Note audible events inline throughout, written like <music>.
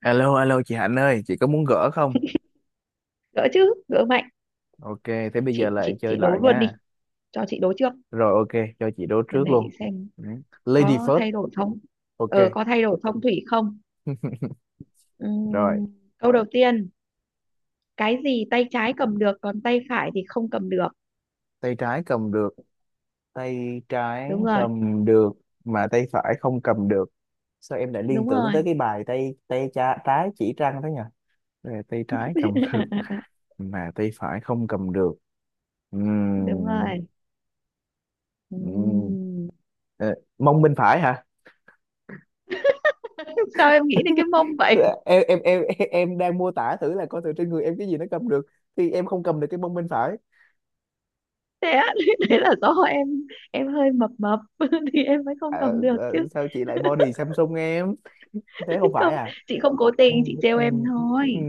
Alo, alo chị Hạnh ơi, chị có muốn gỡ không? Gỡ chứ, gỡ mạnh. Ok, thế bây chị giờ lại chị chơi chị đố lại luôn nha. đi, cho chị đố trước. Rồi ok, cho chị đố Lần trước này chị luôn. xem Ừ. Lady có first. thay đổi không. Ok, Có thay đổi phong thủy không? rồi. Ừm, Câu đầu tiên: cái gì tay trái cầm được còn tay phải thì không cầm được? Tay trái cầm được, tay trái Đúng rồi. cầm được mà tay phải không cầm được. Sao em lại liên Đúng tưởng tới rồi. cái bài tay tay cha, trái chỉ trăng thế nhỉ? Rồi, tay trái cầm <laughs> được <laughs> mà tay phải không cầm được. Đúng Ừm, rồi. ừm. Ừm. Ờ, mông bên phải hả? <laughs> Sao em nghĩ đến cái mông vậy? em em em <laughs> em đang mô tả thử là coi thử trên người em cái gì nó cầm được, thì em không cầm được cái mông bên phải. Thế á, <laughs> thế là do em hơi mập mập <laughs> thì em mới không Ờ, cầm được chứ. ờ, sao chị lại body Samsung em? <laughs> Thế không <laughs> phải Không, à? chị không cố Ừ, tình, chị trêu ừ, em ừ. thôi.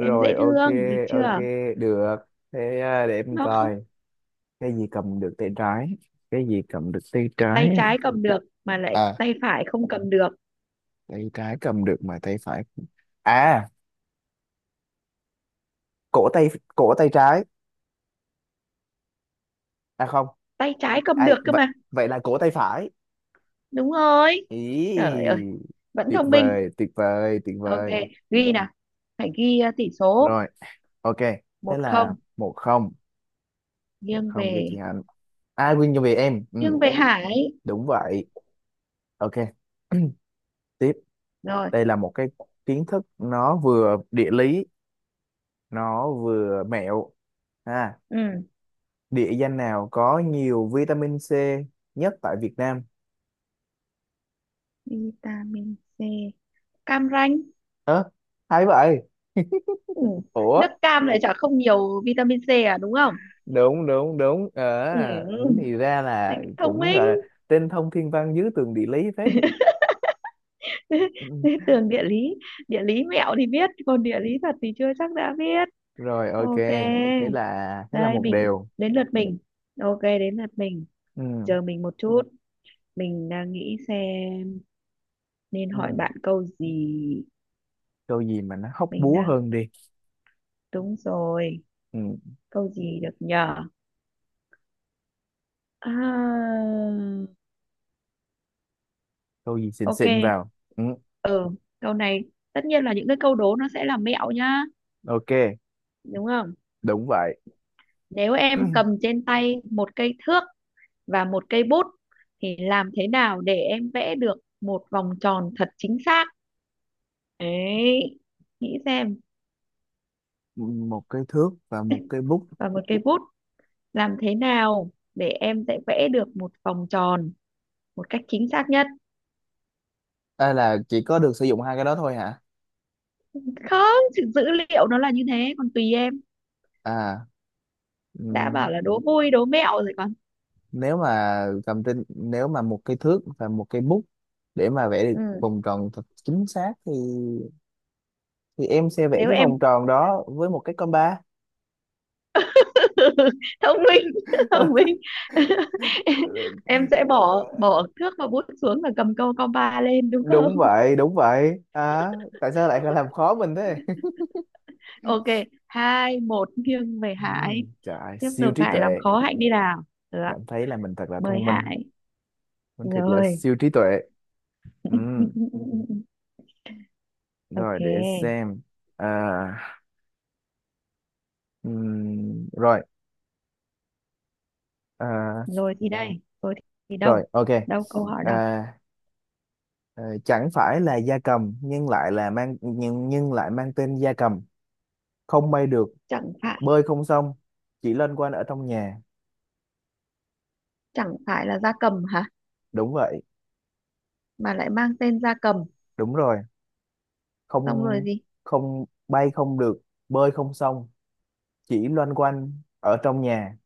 Em dễ ok, thương được ok, chưa? được. Thế à, để em No. coi. Cái gì cầm được tay trái? Cái gì cầm được tay Tay trái? trái cầm được mà lại À, tay phải không cầm được. tay trái cầm được mà tay phải. À, cổ tay, cổ tay trái. À không, Tay trái cầm ai được cơ vậy? mà. Vậy là cổ tay phải. Đúng rồi. Ý, Trời ơi, vẫn tuyệt thông minh. vời, tuyệt vời, tuyệt Ok, vời. ghi nào, phải ghi tỷ số Rồi ok, thế một là không 1-0. một nghiêng không cho chị về, Hạnh. Ai Quyên cho vì em, nghiêng ừ, về Hải. đúng vậy, ok. <clears throat> Tiếp. Rồi. Đây là một cái kiến thức, nó vừa địa lý, nó vừa mẹo. À, Ừ. địa danh nào có nhiều vitamin C nhất tại Việt Nam? Vitamin C, cam ranh. Ơ, hay vậy? Ừ. <laughs> Ủa, Nước cam lại chả không nhiều vitamin C à, đúng không? đúng đúng đúng, ờ, Ừ. thì ra Này, là thông cũng minh. gọi là trên thông thiên văn dưới tường địa lý phết. Ừ. <laughs> Tường địa lý. Địa lý mẹo thì biết còn địa lý thật thì chưa chắc đã biết. Rồi ok, Ok. thế là Đây, một mình điều. đến lượt mình. Ok, đến lượt mình. Ừ, Chờ mình một chút. Mình đang nghĩ xem nên ừ. hỏi bạn câu gì. Câu gì mà nó hóc Mình búa đang hơn đi. Đúng rồi. Ừ. Câu gì được nhờ? À, Câu gì xịn ok. xịn vào. Ừ. Ừ, câu này, tất nhiên là những cái câu đố nó sẽ là mẹo nhá, Ok, đúng không? đúng vậy. Nếu em cầm <clears throat> trên tay một cây thước và một cây bút thì làm thế nào để em vẽ được một vòng tròn thật chính xác? Đấy, nghĩ xem. Một cái thước và một cái bút? Và một cây bút, làm thế nào để em sẽ vẽ được một vòng tròn một cách chính xác nhất. À, là chỉ có được sử dụng hai cái đó thôi hả? Không, sự dữ liệu nó là như thế, còn tùy em. À, ừ. Đã bảo là đố vui đố mẹo rồi còn. Nếu mà một cái thước và một cái bút để mà vẽ được Ừ. vòng tròn thật chính xác thì em sẽ vẽ Nếu cái vòng em tròn đó với một cái compa. <laughs> thông minh, <laughs> thông minh. <laughs> em em sẽ bỏ <laughs> bỏ thước và bút xuống và cầm câu compa lên, đúng không? Đúng vậy, đúng vậy, à, tại sao lại làm khó mình thế? <laughs> Ok, 2-1 nghiêng về Hải. Trời, Tiếp siêu tục, trí Hải làm tuệ. khó Hạnh đi nào. Được. Cảm thấy là mình thật là Mời thông minh, Hải. mình thật là Rồi. siêu trí tuệ. Ừm, <laughs> Ok. Rồi để xem. À, rồi. À, Rồi thì đây, vâng, rồi thì rồi đâu, ok. đâu câu hỏi À, đâu? ờ, chẳng phải là gia cầm nhưng lại là mang nhưng lại mang tên gia cầm. Không bay được, Chẳng phải, bơi không xong, chỉ loanh quanh ở trong nhà. chẳng phải là gia cầm hả? Đúng vậy. Mà lại mang tên gia cầm. Đúng rồi. Xong rồi Không. gì? Không bay không được, bơi không xong, chỉ loanh quanh ở trong nhà.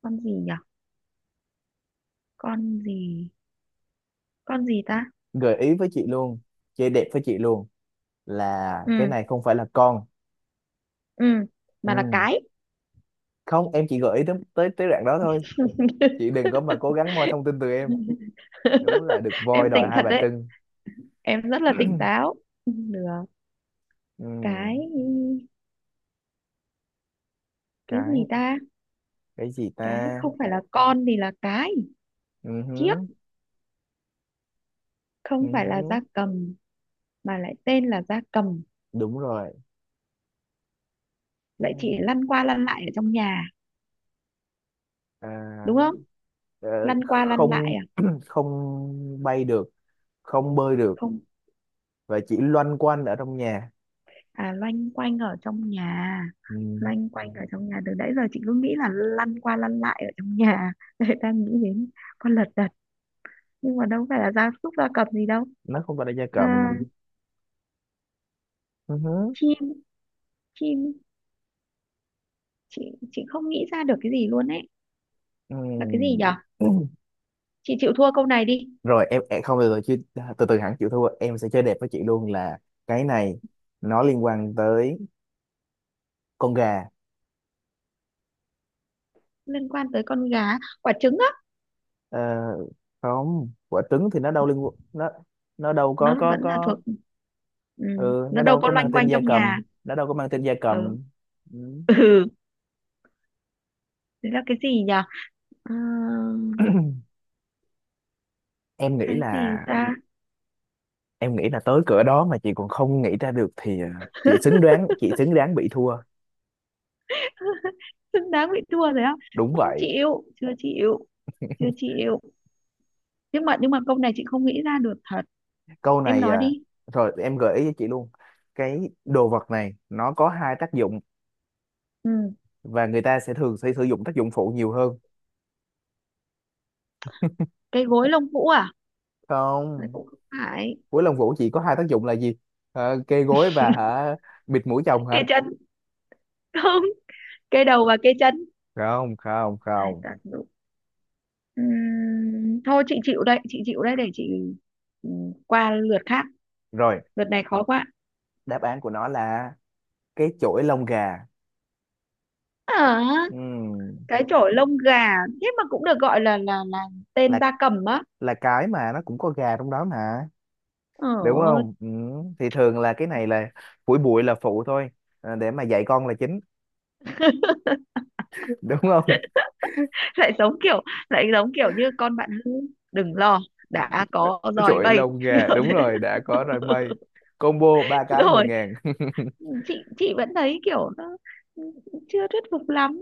Con gì nhở? Con gì? Con gì ta? Gợi ý với chị luôn, chị đẹp với chị luôn là cái Ừ. này không phải là con. Ừ. Mà là Ừ. cái. Không, em chỉ gợi ý tới tới tới đoạn đó thôi. <laughs> Chị đừng có mà cố gắng moi thông tin từ em. Đúng là được voi Em đòi tỉnh Hai thật Bà đấy, Trưng. em rất là tỉnh <clears throat> táo. Được. Ừ. cái cái gì cái ta? cái gì Cái ta? không phải là con thì là cái, Ừ chiếc. hứ, ừ Không phải là hứ. gia cầm mà lại tên là gia cầm. Đúng rồi. Vậy chị Ừ. lăn qua lăn lại ở trong nhà, À, đúng không? ờ, Lăn qua lăn lại không. à? <clears throat> Không bay được, không bơi được, Không. và chỉ loanh quanh ở trong nhà. À, loanh quanh ở trong nhà. Ừ. Loanh quanh ở trong nhà, từ nãy giờ chị cứ nghĩ là lăn qua lăn lại ở trong nhà. <laughs> Đấy, đang nghĩ đến con lật đật nhưng mà đâu phải là gia súc gia cầm gì đâu. Nó không phải là gia À, cầm. Ừ hứ. chim, chim. chị chị không nghĩ ra được cái gì luôn ấy. Là cái gì Ừm. nhở? <clears throat> Ừm. Chị chịu thua câu này đi. Rồi em, không, từ từ chứ, từ từ hẳn chịu thua em sẽ chơi đẹp với chị luôn là cái này nó liên quan tới con gà. Liên quan tới con gà? Quả trứng á? Ờ, không, quả trứng thì nó đâu có Nó có vẫn là có thuộc, ừ, Ừ, nó nó đâu đâu có có mang loanh tên quanh gia trong cầm, nhà. nó đâu có mang tên gia Ừ. cầm. Ừ. Ừ. Thế là cái gì nhỉ? Ờ, em nghĩ cái gì là ta? em nghĩ là tới cửa đó mà chị còn không nghĩ ra được thì, ờ, chị xứng <laughs> đáng chị xứng đáng bị thua. Đáng bị thua rồi á? Đúng Không vậy. chịu, chưa chịu, chưa chịu. Nhưng mà câu này chị không nghĩ ra được thật. Câu Em này, nói à, đi. rồi em gợi ý cho chị luôn. Cái đồ vật này nó có hai tác dụng, Ừ. và người ta sẽ thường sẽ sử dụng tác dụng phụ nhiều hơn. Cái gối lông vũ à? Đấy, Không, cũng không phải. cuối lông vũ chỉ có hai tác dụng là gì? Ờ, kê gối và hả, bịt mũi chồng Cái hả? chân. <laughs> Không, cái đầu và cái chân, Không, không, hai không. tác dụng. Thôi chị chịu đây, chị chịu đây, để chị qua lượt khác. Rồi, Lượt này khó quá. đáp án của nó là cái chổi lông gà. Ờ, Ừm, cái chổi lông gà. Thế mà cũng được gọi là là tên là gia cầm á? là cái mà nó cũng có gà trong đó mà, đúng Ờ. không? Thì thường là cái này là phủi bụi là phụ thôi, ờ, để mà dạy con là chính. <laughs> Đúng không? <laughs> lại giống kiểu Lại giống kiểu như con bạn hư, đừng lo, đã có dòi Trội bay. lông <laughs> gà, Ở đúng đấy. rồi, đã có rồi mây, combo ba cái mười Rồi. ngàn <laughs> Chị vẫn thấy kiểu nó chưa thuyết phục lắm,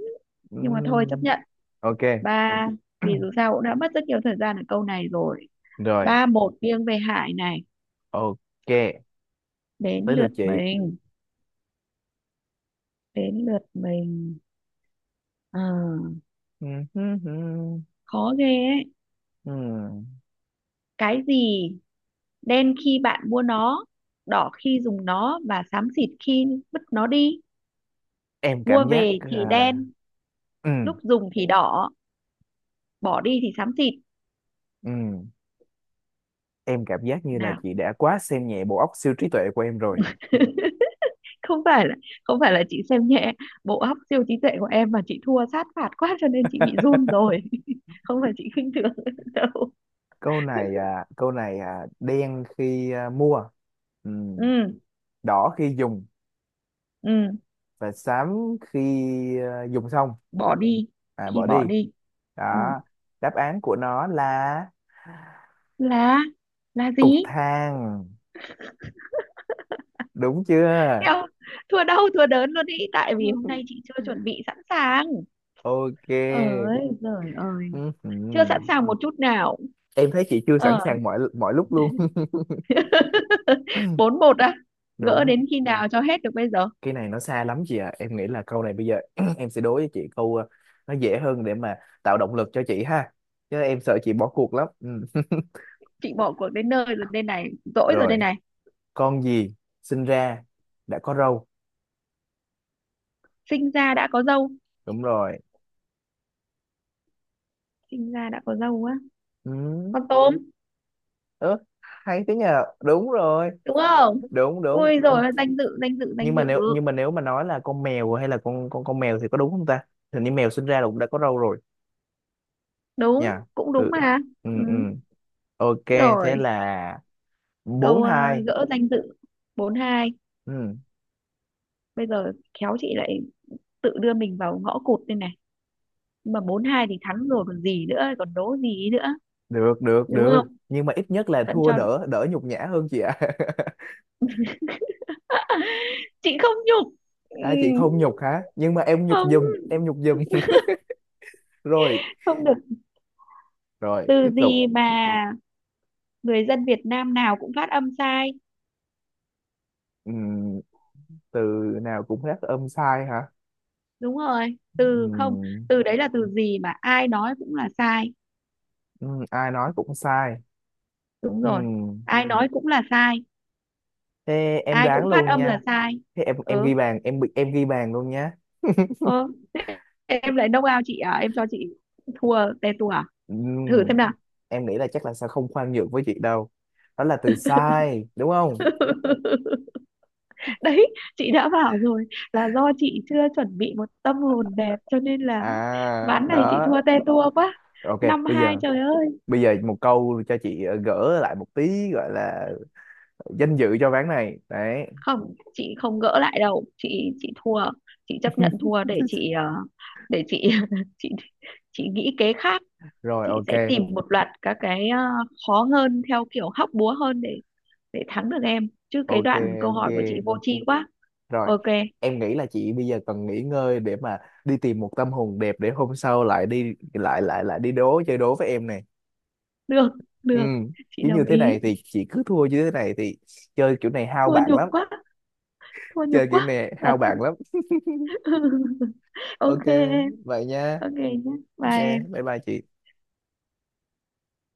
nhưng mà thôi chấp Ừm, nhận. ok. Ba. Vì dù <clears throat> sao cũng đã mất rất nhiều thời gian ở câu này rồi. Rồi 3-1 nghiêng về Hải này. ok, Đến tới lượt lượt chị. <laughs> mình. Đến lượt mình. Ờ, hừm, hừm, khó ghê ấy. ừm. Cái gì đen khi bạn mua nó, đỏ khi dùng nó và xám xịt khi vứt nó đi? em Mua cảm giác về à, thì đen, ừm, lúc dùng thì đỏ, bỏ đi thì xám xịt. ừm. Em cảm giác như là Nào. chị đã quá xem nhẹ bộ óc siêu trí tuệ của em rồi. <laughs> Không phải là, không phải là chị xem nhẹ bộ óc siêu trí tuệ của em mà chị thua sát phạt quá cho nên chị bị <laughs> run rồi. <laughs> Không phải chị khinh thường <laughs> đâu. Câu này à, đen khi à, mua, ừm, Ừ. đỏ khi dùng, Ừ. và xám khi à, dùng xong, Bỏ đi, à, khi bỏ bỏ đi. đi. Ừ. Đó, đáp án của nó là là là cục gì? than. Đúng chưa? Thấy, thua đau thua đớn luôn ý, tại vì hôm nay <laughs> chị chưa chuẩn bị sẵn sàng. Ok. Ơi giời ơi, Ừm, chưa sẵn ừm. sàng một chút nào. Em thấy chị chưa sẵn Ờ. sàng mọi mọi lúc luôn. <laughs> <laughs> 4-1 á? Gỡ Đúng, đến khi nào cho hết được bây giờ? cái này nó xa lắm chị ạ, em nghĩ là câu này bây giờ <clears throat> em sẽ đối với chị câu, ờ, nó dễ hơn để mà tạo động lực cho chị ha, chứ em sợ chị bỏ cuộc lắm. Ừm. <laughs> Chị bỏ cuộc đến nơi rồi đây này, dỗi rồi đây Rồi, này. con gì sinh ra đã có râu? Sinh ra đã có dâu? Đúng rồi. Sinh ra đã có dâu á? Ừ. Con tôm, Ớ, hay thế nhờ, đúng rồi. đúng không? Đúng đúng. Ui Ừ. rồi, danh dự, danh dự, nhưng danh mà dự. nếu nhưng mà nếu mà nói là con mèo hay là con mèo thì có đúng không ta? Hình như mèo sinh ra là cũng đã có râu rồi Đúng, nha. cũng đúng Ừ. mà. Ừ Ừ. ừ, ok. Thế Rồi. là bốn Câu hai gỡ danh dự. 4-2. Ừ. Bây giờ khéo chị lại tự đưa mình vào ngõ cụt đây này, nhưng mà 4-2 thì thắng rồi còn gì nữa, còn đố gì nữa, Được được đúng được. không? Nhưng mà ít nhất là Vẫn thua cho. đỡ, đỡ nhục nhã hơn, chị ạ. <laughs> <laughs> Chị không nhục. Ừ. À. Chị không nhục hả, nhưng mà em nhục Không, giùm, em nhục giùm. <laughs> Rồi, không được. rồi Từ tiếp tục. gì mà người dân Việt Nam nào cũng phát âm sai? Ừm, từ nào cũng rất âm sai hả? Đúng rồi, từ không. Ừm, Từ đấy là từ gì mà ai nói cũng là sai? Ai nói cũng sai. Đúng rồi. Ừm, Ai nói cũng là sai. thế em Ai đoán cũng phát luôn âm là nha. sai. Thế em Ừ. ghi bàn, em bị em ghi bàn luôn nhá. Ừ. Thế em lại đông ao chị à, em cho chị thua tè tua à? Thử Ừm, xem nào. em nghĩ là chắc là sẽ không khoan nhượng với chị đâu. Đó là từ sai đúng không? <laughs> Đấy, chị đã bảo rồi, là do chị chưa chuẩn bị một tâm hồn đẹp cho nên là À ván này chị đó, thua tè tua quá. ok. năm bây hai giờ trời ơi. bây giờ một câu cho chị, ờ, gỡ lại một tí gọi là danh dự cho ván này đấy. Không, chị không gỡ lại đâu, chị thua. Chị chấp nhận thua để chị để chị <laughs> chị chị nghĩ kế khác. Rồi, Chị ok, sẽ tìm một loạt các cái khó hơn, theo kiểu hóc búa hơn để thắng được em, chứ cái ok, đoạn câu ok, hỏi của chị vô tri quá. rồi. Ok. Em nghĩ là chị bây giờ cần nghỉ ngơi để mà đi tìm một tâm hồn đẹp để hôm sau lại đi lại lại lại đi đố chơi đố với em nè. Được, Ừ, được, chị chứ như đồng thế ý. này thì chị cứ thua như thế này thì chơi kiểu này hao Thua bạn nhục lắm. quá, thua nhục Chơi kiểu quá. này hao Thật. bạn lắm. <laughs> Ok, Ok em. vậy nha. Ok nhé. Ok, Bye em. bye bye chị.